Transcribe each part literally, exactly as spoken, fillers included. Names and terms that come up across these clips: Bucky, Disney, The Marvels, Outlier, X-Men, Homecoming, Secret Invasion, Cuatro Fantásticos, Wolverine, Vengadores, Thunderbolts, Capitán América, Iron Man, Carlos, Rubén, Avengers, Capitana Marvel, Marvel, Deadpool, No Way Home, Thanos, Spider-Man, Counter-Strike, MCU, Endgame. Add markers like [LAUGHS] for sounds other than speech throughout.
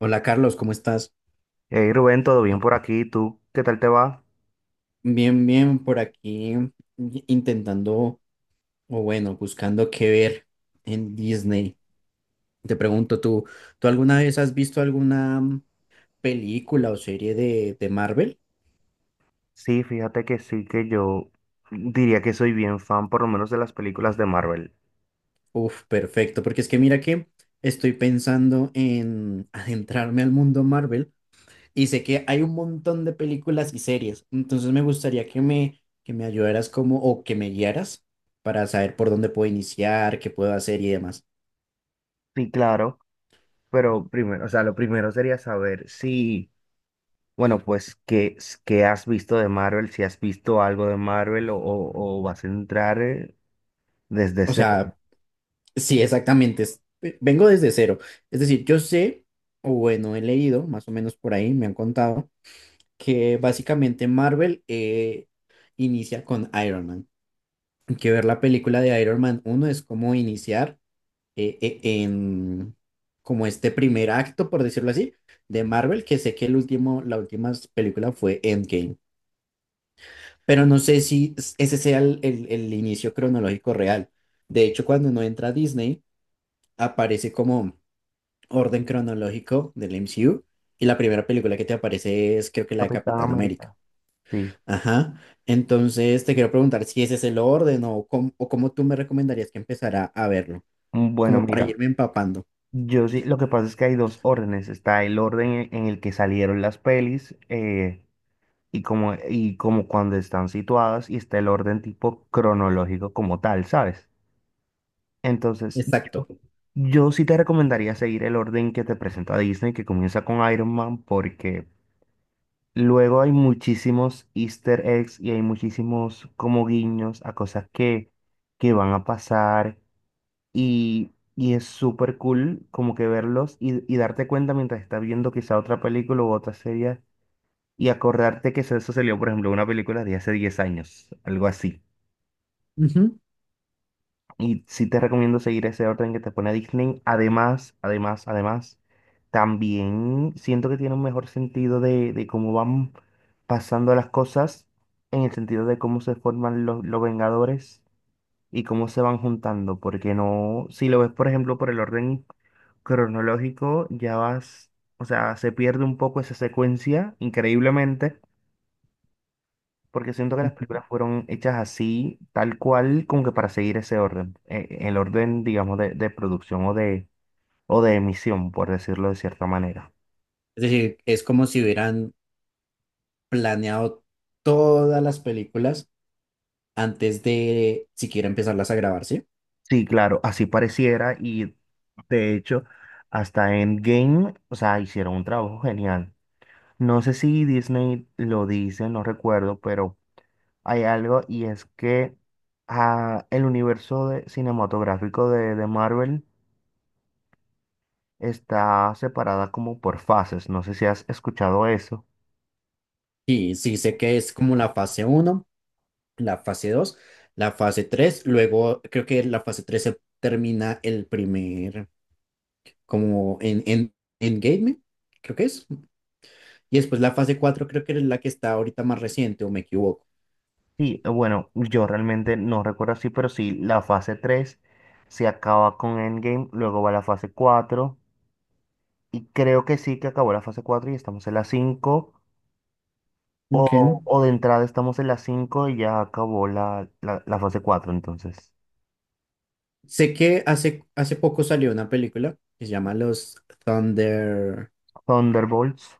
Hola Carlos, ¿cómo estás? Hey Rubén, ¿todo bien por aquí? ¿Tú qué tal te va? Bien, bien, por aquí intentando, o bueno, buscando qué ver en Disney. Te pregunto, ¿tú, tú alguna vez has visto alguna mm, película o serie de, de Marvel? Sí, fíjate que sí, que yo diría que soy bien fan por lo menos de las películas de Marvel. Uf, perfecto, porque es que mira que estoy pensando en [LAUGHS] adentrarme al mundo Marvel y sé que hay un montón de películas y series, entonces me gustaría que me, que me ayudaras como, o que me guiaras para saber por dónde puedo iniciar, qué puedo hacer y demás. Sí, claro, pero primero, o sea, lo primero sería saber si, bueno, pues, ¿qué, s- qué has visto de Marvel. Si has visto algo de Marvel o, o- o vas a entrar eh, desde O cero. sea, sí, exactamente. es- ve- Vengo desde cero. Es decir, yo sé, o bueno, he leído, más o menos por ahí, me han contado, que básicamente Marvel eh, inicia con Iron Man. Que ver la película de Iron Man uno es como iniciar eh, eh, en como este primer acto, por decirlo así, de Marvel, que sé que el último, la última película fue Endgame. Pero no sé si s- ese sea el, el el inicio cronológico real. De hecho, cuando uno entra a Disney, aparece como orden cronológico del M C U y la primera película que te aparece es creo que la de Capitán Capitán América. América. Sí. Ajá. Entonces te quiero preguntar si ese es el orden o cómo, o cómo tú me recomendarías que empezara a verlo, Mm, bueno, como para mira. irme empapando. Yo sí, lo que pasa es que hay dos órdenes. Está el orden en en el que salieron las pelis. eh, y como, y como cuando están situadas, y está el orden tipo cronológico como tal, ¿sabes? Entonces, yo, Exacto. yo sí te recomendaría seguir el orden que te presenta Disney, que comienza con Iron Man, porque luego hay muchísimos Easter eggs y hay muchísimos como guiños a cosas que, que van a pasar. Y... Y es súper cool, como que verlos y, y darte cuenta mientras estás viendo quizá otra película u otra serie, y acordarte que eso, eso salió, por ejemplo, una película de hace diez años, algo así. Ujú, Y sí te recomiendo seguir ese orden que te pone Disney. Además, además, además, también siento que tiene un mejor sentido de, de, cómo van pasando las cosas, en el sentido de cómo se forman los, los Vengadores y cómo se van juntando. Porque no, si lo ves, por ejemplo, por el orden cronológico, ya vas, o sea, se pierde un poco esa secuencia, increíblemente, porque siento que las ujú. películas fueron hechas así, tal cual, como que para seguir ese orden, eh, el orden, digamos, de, de, producción o de, o de emisión, por decirlo de cierta manera. Es decir, es como si hubieran planeado todas las películas antes de siquiera empezarlas a grabar, ¿sí? Sí, claro, así pareciera. Y de hecho, hasta Endgame, o sea, hicieron un trabajo genial. No sé si Disney lo dice, no recuerdo, pero hay algo, y es que ah, el universo de- cinematográfico de, de Marvel está separada como por fases. No sé si has escuchado eso. Sí, sí sé que es como la fase uno, la fase dos, la fase tres, luego creo que la fase tres se termina el primer, como en, en Endgame, creo que es, y después la fase cuatro creo que es la que está ahorita más reciente, o me equivoco. Sí, eh, bueno, yo realmente no recuerdo así, pero sí, la fase tres se acaba con Endgame, luego va la fase cuatro, y creo que sí, que acabó la fase cuatro y estamos en la cinco. Ok. O, o de entrada estamos en la cinco y ya acabó la, la, la fase cuatro entonces. Sé que hace, hace poco salió una película que se llama Los Thunder. Thunderbolts.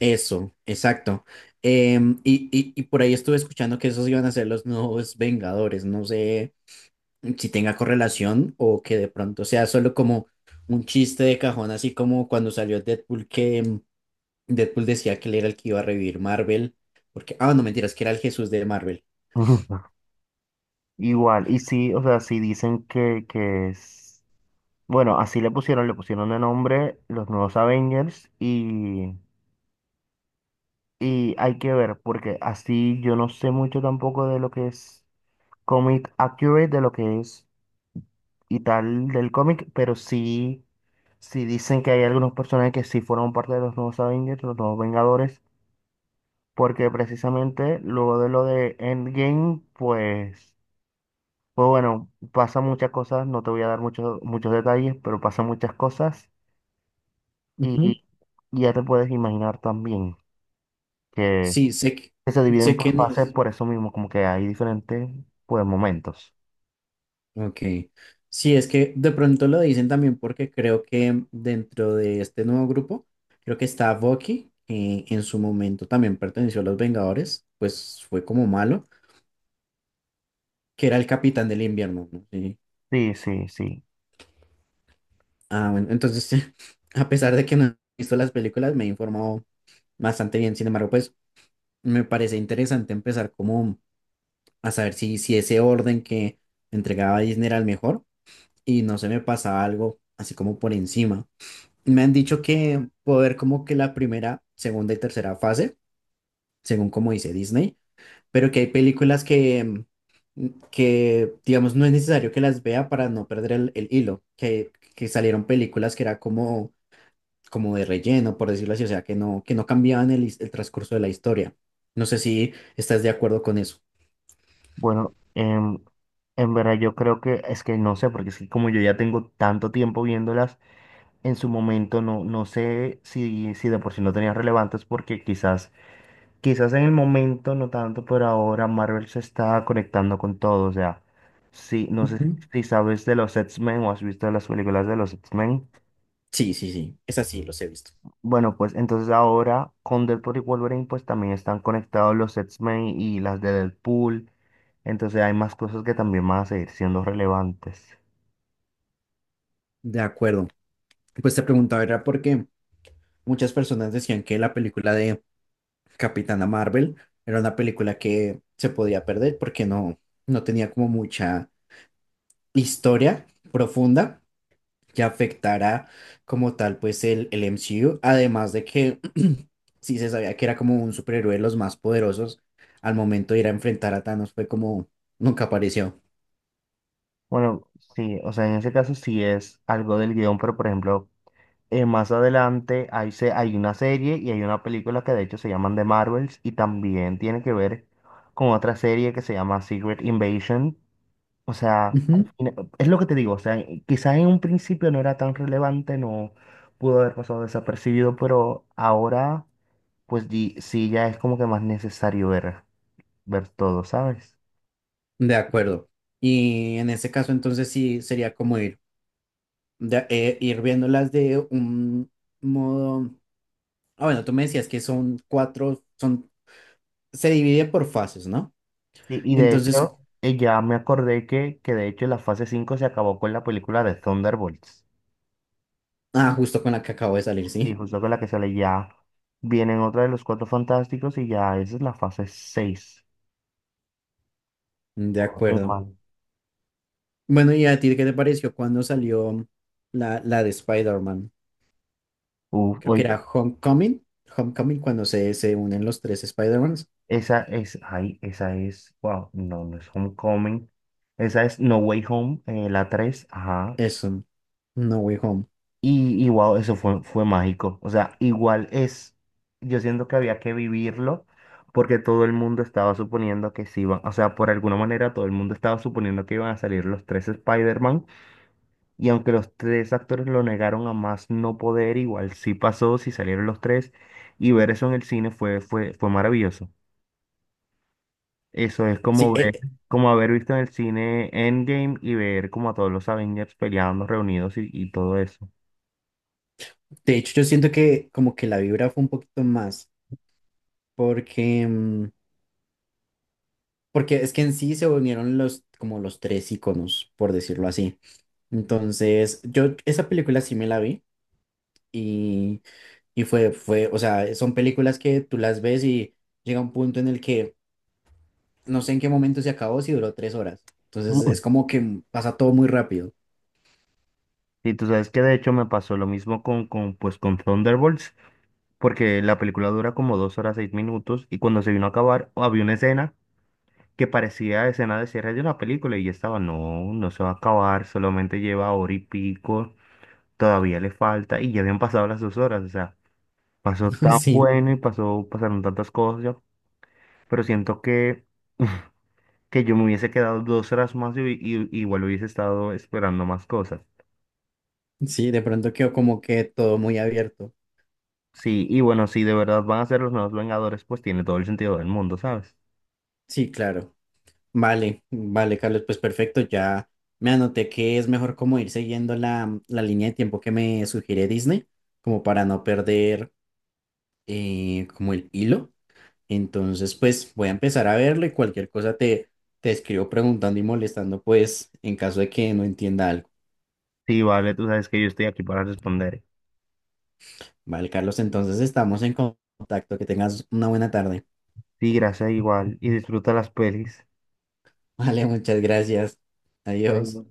Eso, exacto. Em, y, y, y por ahí estuve escuchando que esos iban a ser los nuevos Vengadores. No sé si tenga correlación o que de pronto sea solo como un chiste de cajón, así como cuando salió Deadpool, que mm, Deadpool decía que él era el que iba a revivir Marvel, porque, ah, no mentiras, que era el Jesús de Marvel. [LAUGHS] Ujú. Igual, y sí, o sea, sí dicen que, que es. Bueno, así le pusieron, le pusieron de nombre los nuevos Avengers, y, y hay que ver, porque así yo no sé mucho tampoco de lo que es comic accurate, de lo que es y tal del cómic, pero sí, sí dicen que hay algunos personajes que sí fueron parte de los nuevos Avengers, los nuevos Vengadores, porque precisamente luego de lo de Endgame, pues, pues bueno, pasan muchas cosas. No te voy a dar muchos, muchos detalles, pero pasan muchas cosas. Ujú. Y y ya te puedes imaginar también que, Sí, sé, que- que se dividen sé por quién fases es. por eso mismo, como que hay diferentes pues, momentos. Ok. Sí, es que de pronto lo dicen también porque creo que dentro de este nuevo grupo, creo que está Bucky, que en su momento también perteneció a los Vengadores, pues fue como malo, que era el capitán del invierno, ¿no? Sí. Sí, sí, sí. Ah, bueno, entonces, sí, [LAUGHS] a pesar de que no he visto las películas, me he informado bastante bien. Sin embargo, pues me parece interesante empezar como a saber si, si ese orden que entregaba Disney era el mejor y no se me pasaba algo así como por encima. Me han dicho que puedo ver como que la primera, segunda y tercera fase, según como dice Disney, pero que hay películas que, mm, que digamos, no es necesario que las vea para no perder el, el hilo, que, que salieron películas que era como como de relleno, por decirlo así, o sea, que no, que no cambiaban el, his- el transcurso de la historia. No sé si estás de acuerdo con eso. Bueno, em, en verdad yo creo que es que no sé, porque es que como yo ya tengo tanto tiempo viéndolas, en su momento no, no sé si, si de por sí no tenían relevantes, porque quizás, quizás en el momento no tanto, pero ahora Marvel se está conectando con todo. O sea, sí, no sé Ujú. si sabes de los X-Men, o has visto las películas de los X-Men. Sí, sí, sí, es así, los he visto. Bueno, pues entonces ahora con Deadpool y Wolverine pues también están conectados los X-Men y las de Deadpool. Entonces hay más cosas que también van a seguir siendo relevantes. De acuerdo. Pues te preguntaba, era porque muchas personas decían que la película de Capitana Marvel era una película que se podía perder porque no, no tenía como mucha historia profunda, que afectara como tal pues el, el M C U, además de que [CLEARS THROAT] sí se sabía que era como un superhéroe de los más poderosos, al momento de ir a enfrentar a Thanos fue como nunca apareció. Bueno, sí, o sea, en ese caso sí es algo del guión, pero por ejemplo, eh, más adelante hay, se- hay una serie y hay una película que de hecho se llaman The Marvels, y también tiene que ver con otra serie que se llama Secret Invasion. O sea, al Ujú. fina- es lo que te digo. O sea, quizás en un principio no era tan relevante, no pudo haber pasado desapercibido, pero ahora, pues di- sí, ya es como que más necesario ver, ver, todo, ¿sabes? De acuerdo. Y en ese caso entonces sí sería como ir, de- eh, ir viéndolas de un modo... Ah, bueno, tú me decías que son cuatro, son, se divide por fases, ¿no? Sí, y de Entonces, hecho, eh, ya me acordé que, que de hecho la fase cinco se acabó con la película de Thunderbolts, ah, justo con la que acabo de salir, y sí. justo con la que sale ya, vienen otra de los Cuatro Fantásticos, y ya esa es la fase seis. De acuerdo. Bueno, ¿y a ti qué te pareció cuando salió la, la de Spider-Man? Uf, Creo que oye. era Homecoming. Homecoming cuando se, se unen los tres Spider-Mans. Esa es, ay, esa es, wow, no, no es Homecoming. Esa es No Way Home, eh, la tres, ajá. Eso, No Way Home. Y, y wow, eso fue, fue mágico. O sea, igual es, yo siento que había que vivirlo, porque todo el mundo estaba suponiendo que sí iban, o sea, por alguna manera todo el mundo estaba suponiendo que iban a salir los tres Spider-Man, y aunque los tres actores lo negaron a más no poder, igual sí pasó, sí salieron los tres, y ver eso en el cine fue, fue, fue maravilloso. Eso es como Sí, ver, eh, como haber visto en el cine Endgame y ver como a todos los Avengers peleando, reunidos, y, y todo eso. de hecho yo siento que como que la vibra fue un poquito más porque, mm, porque es que en sí se unieron los, como los tres iconos, por decirlo así. Entonces, yo esa película sí me la vi y, y fue, fue, o sea, son películas que tú las ves y llega un punto en el que no sé en qué momento se acabó, si duró tres horas. Entonces Mm. es como que pasa todo muy rápido. Y tú sabes que de hecho me pasó lo mismo con, con, pues, con Thunderbolts, porque la película dura como dos horas seis minutos, y cuando se vino a acabar había una escena que parecía escena de cierre de una película, y ya estaba, no, no se va a acabar, solamente lleva hora y pico, todavía le falta, y ya habían pasado las dos horas. O sea, pasó tan [LAUGHS] bueno y pasó, pasaron tantas cosas, pero siento que... [LAUGHS] que yo me hubiese quedado dos horas más, y, y- igual hubiese estado esperando más cosas. Sí, sí, de pronto quedó como que todo muy abierto. Sí, y bueno, si de verdad van a ser los nuevos Vengadores, pues tiene todo el sentido del mundo, ¿sabes? Sí, claro. Vale, vale, Carlos, pues perfecto, ya me anoté que es mejor como ir siguiendo la, la línea de tiempo que me sugiere Disney, como para no perder eh, como el hilo. Entonces, pues voy a empezar a verlo y cualquier cosa te, te escribo preguntando y molestando, pues en caso de que no entienda algo. Sí, vale, tú sabes que yo estoy aquí para responder. Vale, Carlos, entonces estamos en contacto. Que tengas una buena tarde. Sí, gracias, igual, y disfruta las pelis. [LAUGHS] Vale, muchas gracias. Adiós. Adiós.